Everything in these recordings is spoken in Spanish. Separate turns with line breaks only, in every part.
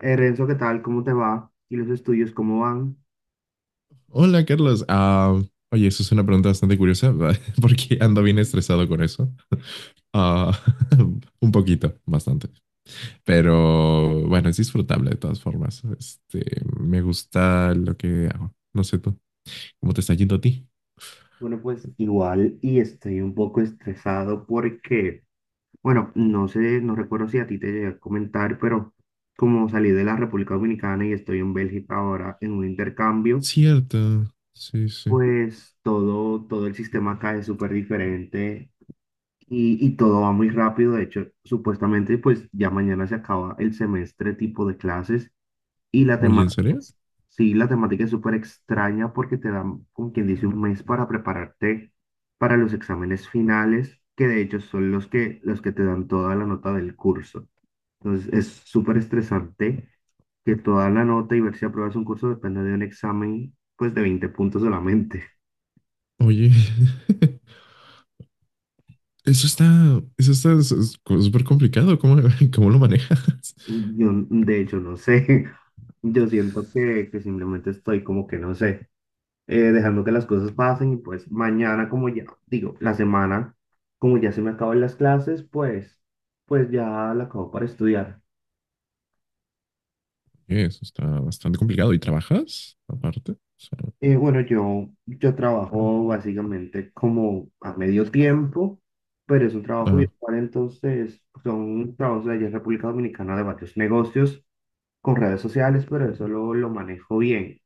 Renzo, ¿qué tal? ¿Cómo te va? ¿Y los estudios cómo van?
Hola, Carlos. Oye, eso es una pregunta bastante curiosa, porque ando bien estresado con eso. Ah, un poquito, bastante. Pero bueno, es disfrutable de todas formas. Me gusta lo que hago. No sé tú, ¿cómo te está yendo a ti?
Bueno, pues igual y estoy un poco estresado porque, bueno, no sé, no recuerdo si a ti te llegué a comentar, pero como salí de la República Dominicana y estoy en Bélgica ahora en un intercambio,
Cierto. Sí, sí.
pues todo el sistema acá es súper diferente y todo va muy rápido. De hecho, supuestamente, pues ya mañana se acaba el semestre tipo de clases. Y la
Oye, ¿en
temática,
serio?
sí, la temática es súper extraña porque te dan, como quien dice, un mes para prepararte para los exámenes finales, que de hecho son los que te dan toda la nota del curso. Entonces es súper estresante que toda la nota y ver si apruebas un curso depende de un examen, pues de 20 puntos solamente.
Oye, eso está, eso está s- s- súper complicado. ¿Cómo, cómo lo manejas?
Yo, de hecho, no sé. Yo siento que simplemente estoy como que no sé. Dejando que las cosas pasen y pues mañana como ya, digo, la semana, como ya se me acaban las clases, pues, pues ya la acabo para estudiar.
Eso está bastante complicado. ¿Y trabajas aparte? O sea,
Bueno, yo trabajo básicamente como a medio tiempo, pero es un trabajo
ah,
virtual, entonces son trabajos de allá en República Dominicana de varios negocios con redes sociales, pero eso lo manejo bien.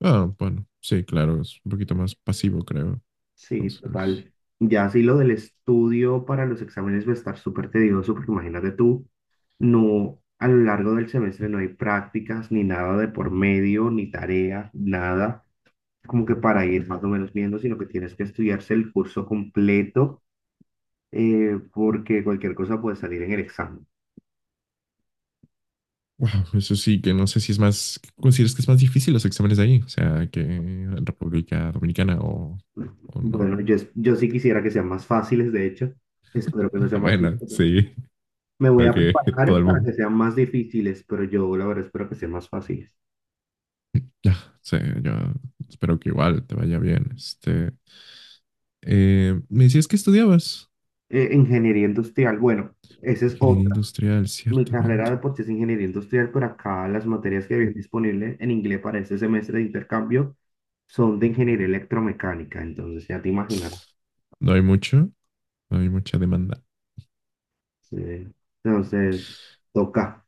bueno, sí, claro, es un poquito más pasivo, creo.
Sí,
Entonces,
total. Ya sí lo del estudio para los exámenes va a estar súper tedioso, porque imagínate tú, no, a lo largo del semestre no hay prácticas, ni nada de por medio, ni tarea, nada, como que para ir más o menos viendo, sino que tienes que estudiarse el curso completo, porque cualquier cosa puede salir en el examen.
wow, eso sí, que no sé si es más, ¿consideras que es más difícil los exámenes de ahí? O sea, ¿que en República Dominicana o no?
Bueno, yo sí quisiera que sean más fáciles, de hecho, espero que no sean más
Bueno,
difíciles.
sí,
Me voy
creo
a
que todo
preparar
el
para
mundo.
que sean más difíciles, pero yo la verdad espero que sean más fáciles.
Ya, sí, yo espero que igual te vaya bien. Me decías que estudiabas
Ingeniería industrial, bueno, esa es
ingeniería
otra.
industrial,
Mi carrera
ciertamente.
de por sí es ingeniería industrial, pero acá las materias que había disponibles en inglés para este semestre de intercambio son de ingeniería electromecánica, entonces ya te imaginas.
No hay mucho, no hay mucha demanda.
eh, Entonces, Toca.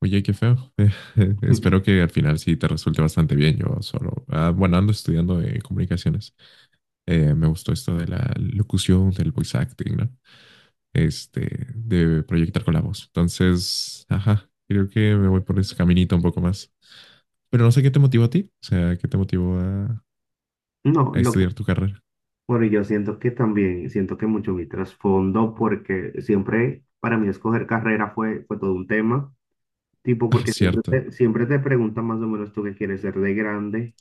Oye, qué feo. Espero que al final sí te resulte bastante bien. Yo solo, ah, bueno, ando estudiando comunicaciones. Me gustó esto de la locución, del voice acting, ¿no? De proyectar con la voz. Entonces, ajá, creo que me voy por ese caminito un poco más. Pero no sé qué te motivó a ti. O sea, qué te motivó
No,
a
lo,
estudiar tu carrera.
Pero yo siento que también, siento que mucho mi trasfondo, porque siempre para mí escoger carrera fue todo un tema, tipo,
Ah,
porque
cierto.
siempre te preguntan más o menos tú qué quieres ser de grande.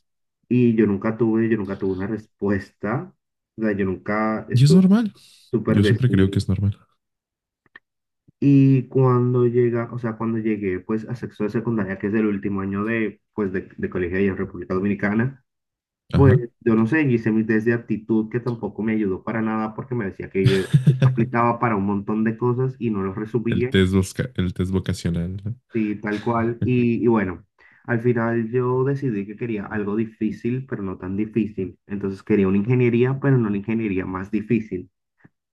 Yo nunca tuve una respuesta, o sea, yo nunca
Y es
estuve
normal.
súper
Yo siempre creo que
decidido.
es normal.
Y cuando llega, o sea, cuando llegué pues a sexto de secundaria, que es el último año pues, de colegio ahí en República Dominicana, pues
Ajá.
yo no sé, yo hice mi test de aptitud que tampoco me ayudó para nada porque me decía que yo aplicaba para un montón de cosas y no lo resumía.
El test vocacional, ¿no?
Sí, tal cual. Y bueno, al final yo decidí que quería algo difícil, pero no tan difícil. Entonces quería una ingeniería, pero no una ingeniería más difícil.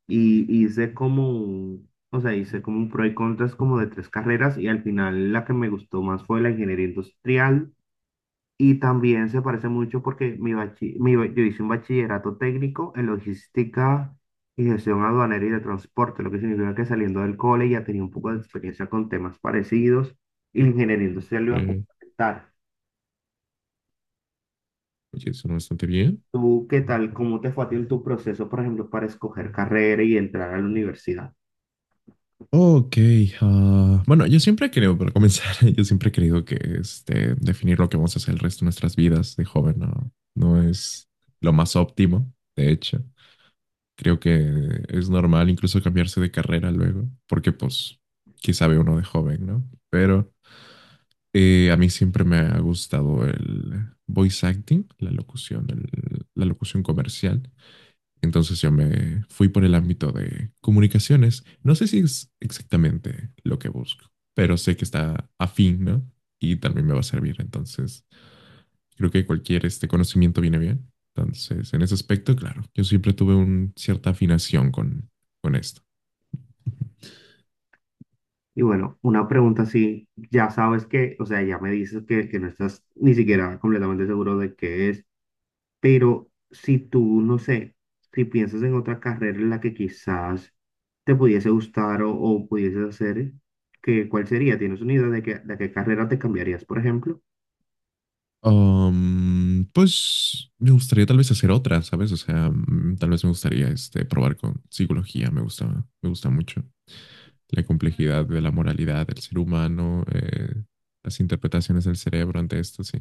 Y hice como un, o sea, hice como un pro y contras como de tres carreras y al final la que me gustó más fue la ingeniería industrial y también se parece mucho porque mi bachi- mi ba- yo hice un bachillerato técnico en logística y gestión aduanera y de transporte, lo que significa que saliendo del cole ya tenía un poco de experiencia con temas parecidos y la ingeniería industrial lo iba a
Eh,
complementar.
oye, suena bastante bien.
¿Tú qué tal? ¿Cómo te fue a ti en tu proceso, por ejemplo, para escoger carrera y entrar a la universidad?
Ok, ah, bueno, yo siempre creo, para comenzar, yo siempre he creído que definir lo que vamos a hacer el resto de nuestras vidas de joven no, no es lo más óptimo, de hecho. Creo que es normal incluso cambiarse de carrera luego, porque pues, qué sabe uno de joven, ¿no? Pero a mí siempre me ha gustado el voice acting, la locución, la locución comercial. Entonces yo me fui por el ámbito de comunicaciones. No sé si es exactamente lo que busco, pero sé que está afín, ¿no? Y también me va a servir. Entonces, creo que cualquier este conocimiento viene bien. Entonces, en ese aspecto, claro, yo siempre tuve una cierta afinación con esto.
Y bueno, una pregunta así, ya sabes que, o sea, ya me dices que no estás ni siquiera completamente seguro de qué es. Pero si tú, no sé, si piensas en otra carrera en la que quizás te pudiese gustar o pudieses hacer, ¿cuál sería? ¿Tienes una idea de de qué carrera te cambiarías, por ejemplo?
Pues me gustaría tal vez hacer otra, ¿sabes? O sea, tal vez me gustaría probar con psicología, me gusta mucho la complejidad de la moralidad del ser humano, las interpretaciones del cerebro ante esto, sí.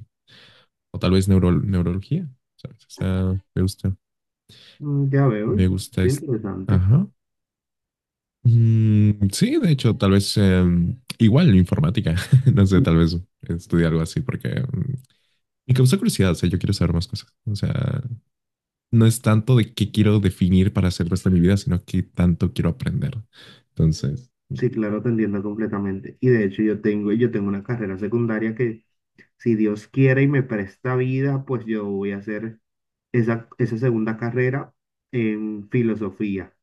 O tal vez neurología, ¿sabes? O sea, me gusta,
Mm, ya veo, es
me gusta es-
interesante.
ajá. Sí, de hecho, tal vez igual informática, no sé, tal vez estudiar algo así porque me causa curiosidad, o sea, yo quiero saber más cosas, o sea, no es tanto de qué quiero definir para hacer el resto de mi vida, sino qué tanto quiero aprender. Entonces, mm.
Sí, claro, te entiendo completamente. Y de hecho yo tengo una carrera secundaria que si Dios quiere y me presta vida, pues yo voy a hacer esa segunda carrera en filosofía.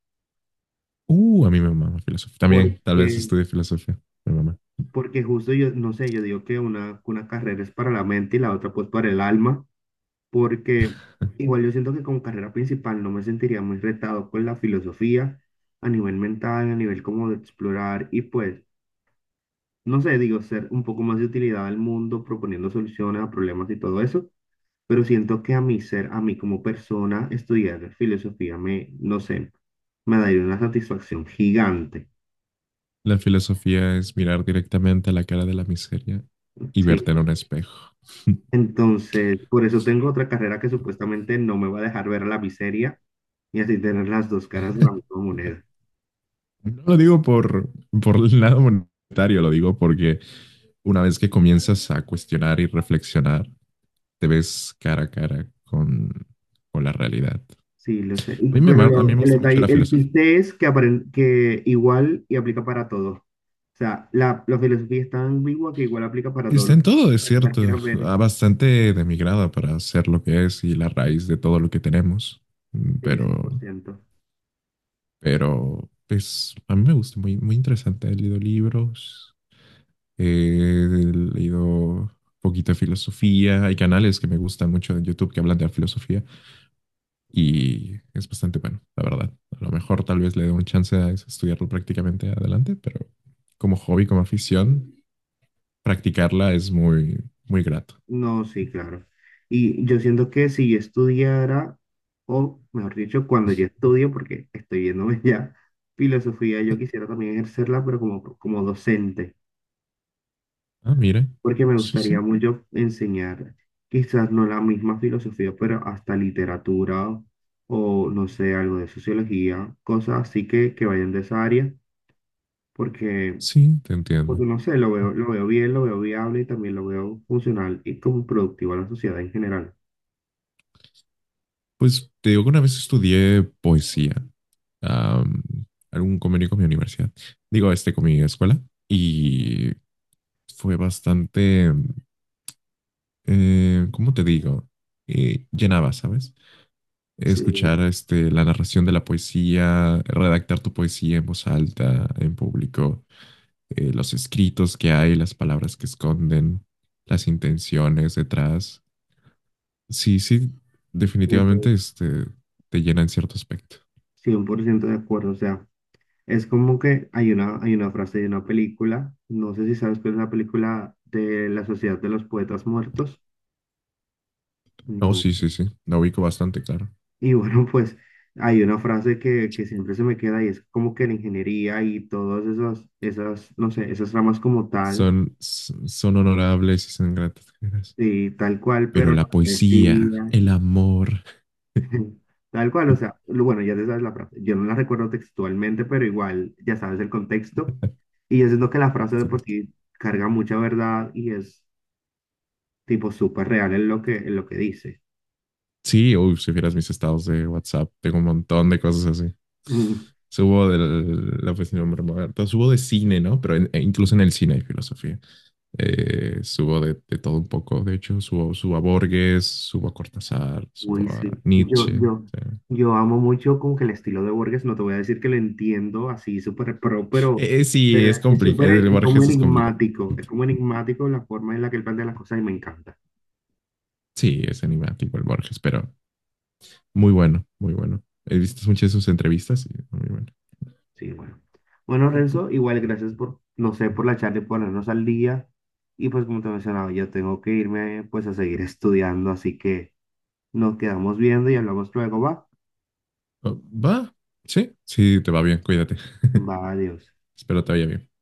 A mí me mama filosofía. También, tal vez
Porque
estudie filosofía. Me mama.
Porque justo yo, no sé, yo digo que una carrera es para la mente y la otra pues para el alma, porque igual yo siento que como carrera principal no me sentiría muy retado con la filosofía a nivel mental, a nivel como de explorar y pues, no sé, digo, ser un poco más de utilidad al mundo, proponiendo soluciones a problemas y todo eso, pero siento que a mí como persona, estudiar filosofía me, no sé, me daría una satisfacción gigante.
La filosofía es mirar directamente a la cara de la miseria y
Sí.
verte en un espejo.
Entonces, por eso tengo otra carrera que supuestamente no me va a dejar ver la miseria y así tener las dos caras de la misma moneda.
No lo digo por el lado monetario, lo digo porque una vez que comienzas a cuestionar y reflexionar, te ves cara a cara con la realidad.
Sí, lo sé.
A mí me
El
gusta mucho
detalle,
la
el
filosofía.
chiste es que, que igual y aplica para todo. O sea, la filosofía es tan ambigua que igual aplica para todos
Está
los
en
que
todo, es
la
cierto.
quieras ver,
Ah, bastante de mi grado para ser lo que es y la raíz de todo lo que tenemos. Mm,
sí,
Pero,
100%.
pero, pues, a mí me gusta, muy, muy interesante. He leído libros. He leído poquita filosofía. Hay canales que me gustan mucho de YouTube que hablan de la filosofía y es bastante bueno, la verdad. A lo mejor tal vez le dé un chance a estudiarlo prácticamente adelante, pero como hobby, como afición, practicarla es muy, muy grato.
No, sí, claro. Y yo siento que si yo estudiara, o mejor dicho, cuando yo estudio, porque estoy viéndome ya, filosofía, yo quisiera también ejercerla, pero como docente,
Ah, mira.
porque me
Sí,
gustaría
sí.
mucho enseñar, quizás no la misma filosofía, pero hasta literatura o, no sé, algo de sociología, cosas así que vayan de esa área, porque,
Sí, te entiendo.
porque no sé, lo veo bien, lo veo viable y también lo veo funcional y como productivo a la sociedad en general.
Pues te digo que una vez estudié poesía. am, Algún convenio con mi universidad. Digo, este con mi escuela. Y fue bastante ¿cómo te digo? Llenaba, ¿sabes?
Sí.
Escuchar la narración de la poesía, redactar tu poesía en voz alta, en público, los escritos que hay, las palabras que esconden, las intenciones detrás. Sí, sí,
Estoy
definitivamente te llena en cierto aspecto.
100% de acuerdo, o sea, es como que hay hay una frase de una película, no sé si sabes cuál es la película de la Sociedad de los Poetas Muertos,
Oh,
no.
sí, sí, sí, la ubico bastante, claro.
Y bueno, pues hay una frase que siempre se me queda y es como que la ingeniería y todas esas, no sé, esas ramas como tal,
Son, son honorables y son gratas.
y tal cual,
Pero
pero la
la poesía,
decía,
el amor.
tal cual, o sea, bueno, ya te sabes la frase, yo no la recuerdo textualmente, pero igual ya sabes el contexto. Y yo siento que la frase de
Sí.
por sí carga mucha verdad y es tipo súper real en lo que dice.
Sí, uy, si vieras mis estados de WhatsApp, tengo un montón de cosas así.
Mm,
Subo de la oficina de Humberto, subo de cine, ¿no? E incluso en el cine hay filosofía. Subo de todo un poco, de hecho, subo, subo a Borges, subo a Cortázar,
uy,
subo a
sí.
Nietzsche. O sea,
Yo amo mucho como que el estilo de Borges, no te voy a decir que lo entiendo así súper pro,
sí,
pero
es
es
complicado,
súper,
el Borges es complicado.
es como enigmático la forma en la que él plantea las cosas y me encanta.
Sí, es enigmático el Borges, pero muy bueno, muy bueno. He visto muchas de sus entrevistas y muy bueno.
Sí, bueno. Bueno, Renzo, igual gracias por, no sé, por la charla y ponernos al día. Y pues como te mencionaba, yo tengo que irme pues a seguir estudiando, así que... Nos quedamos viendo y hablamos luego, va.
Oh, va, sí, sí, te va bien, cuídate.
Va, adiós.
Espero te vaya bien.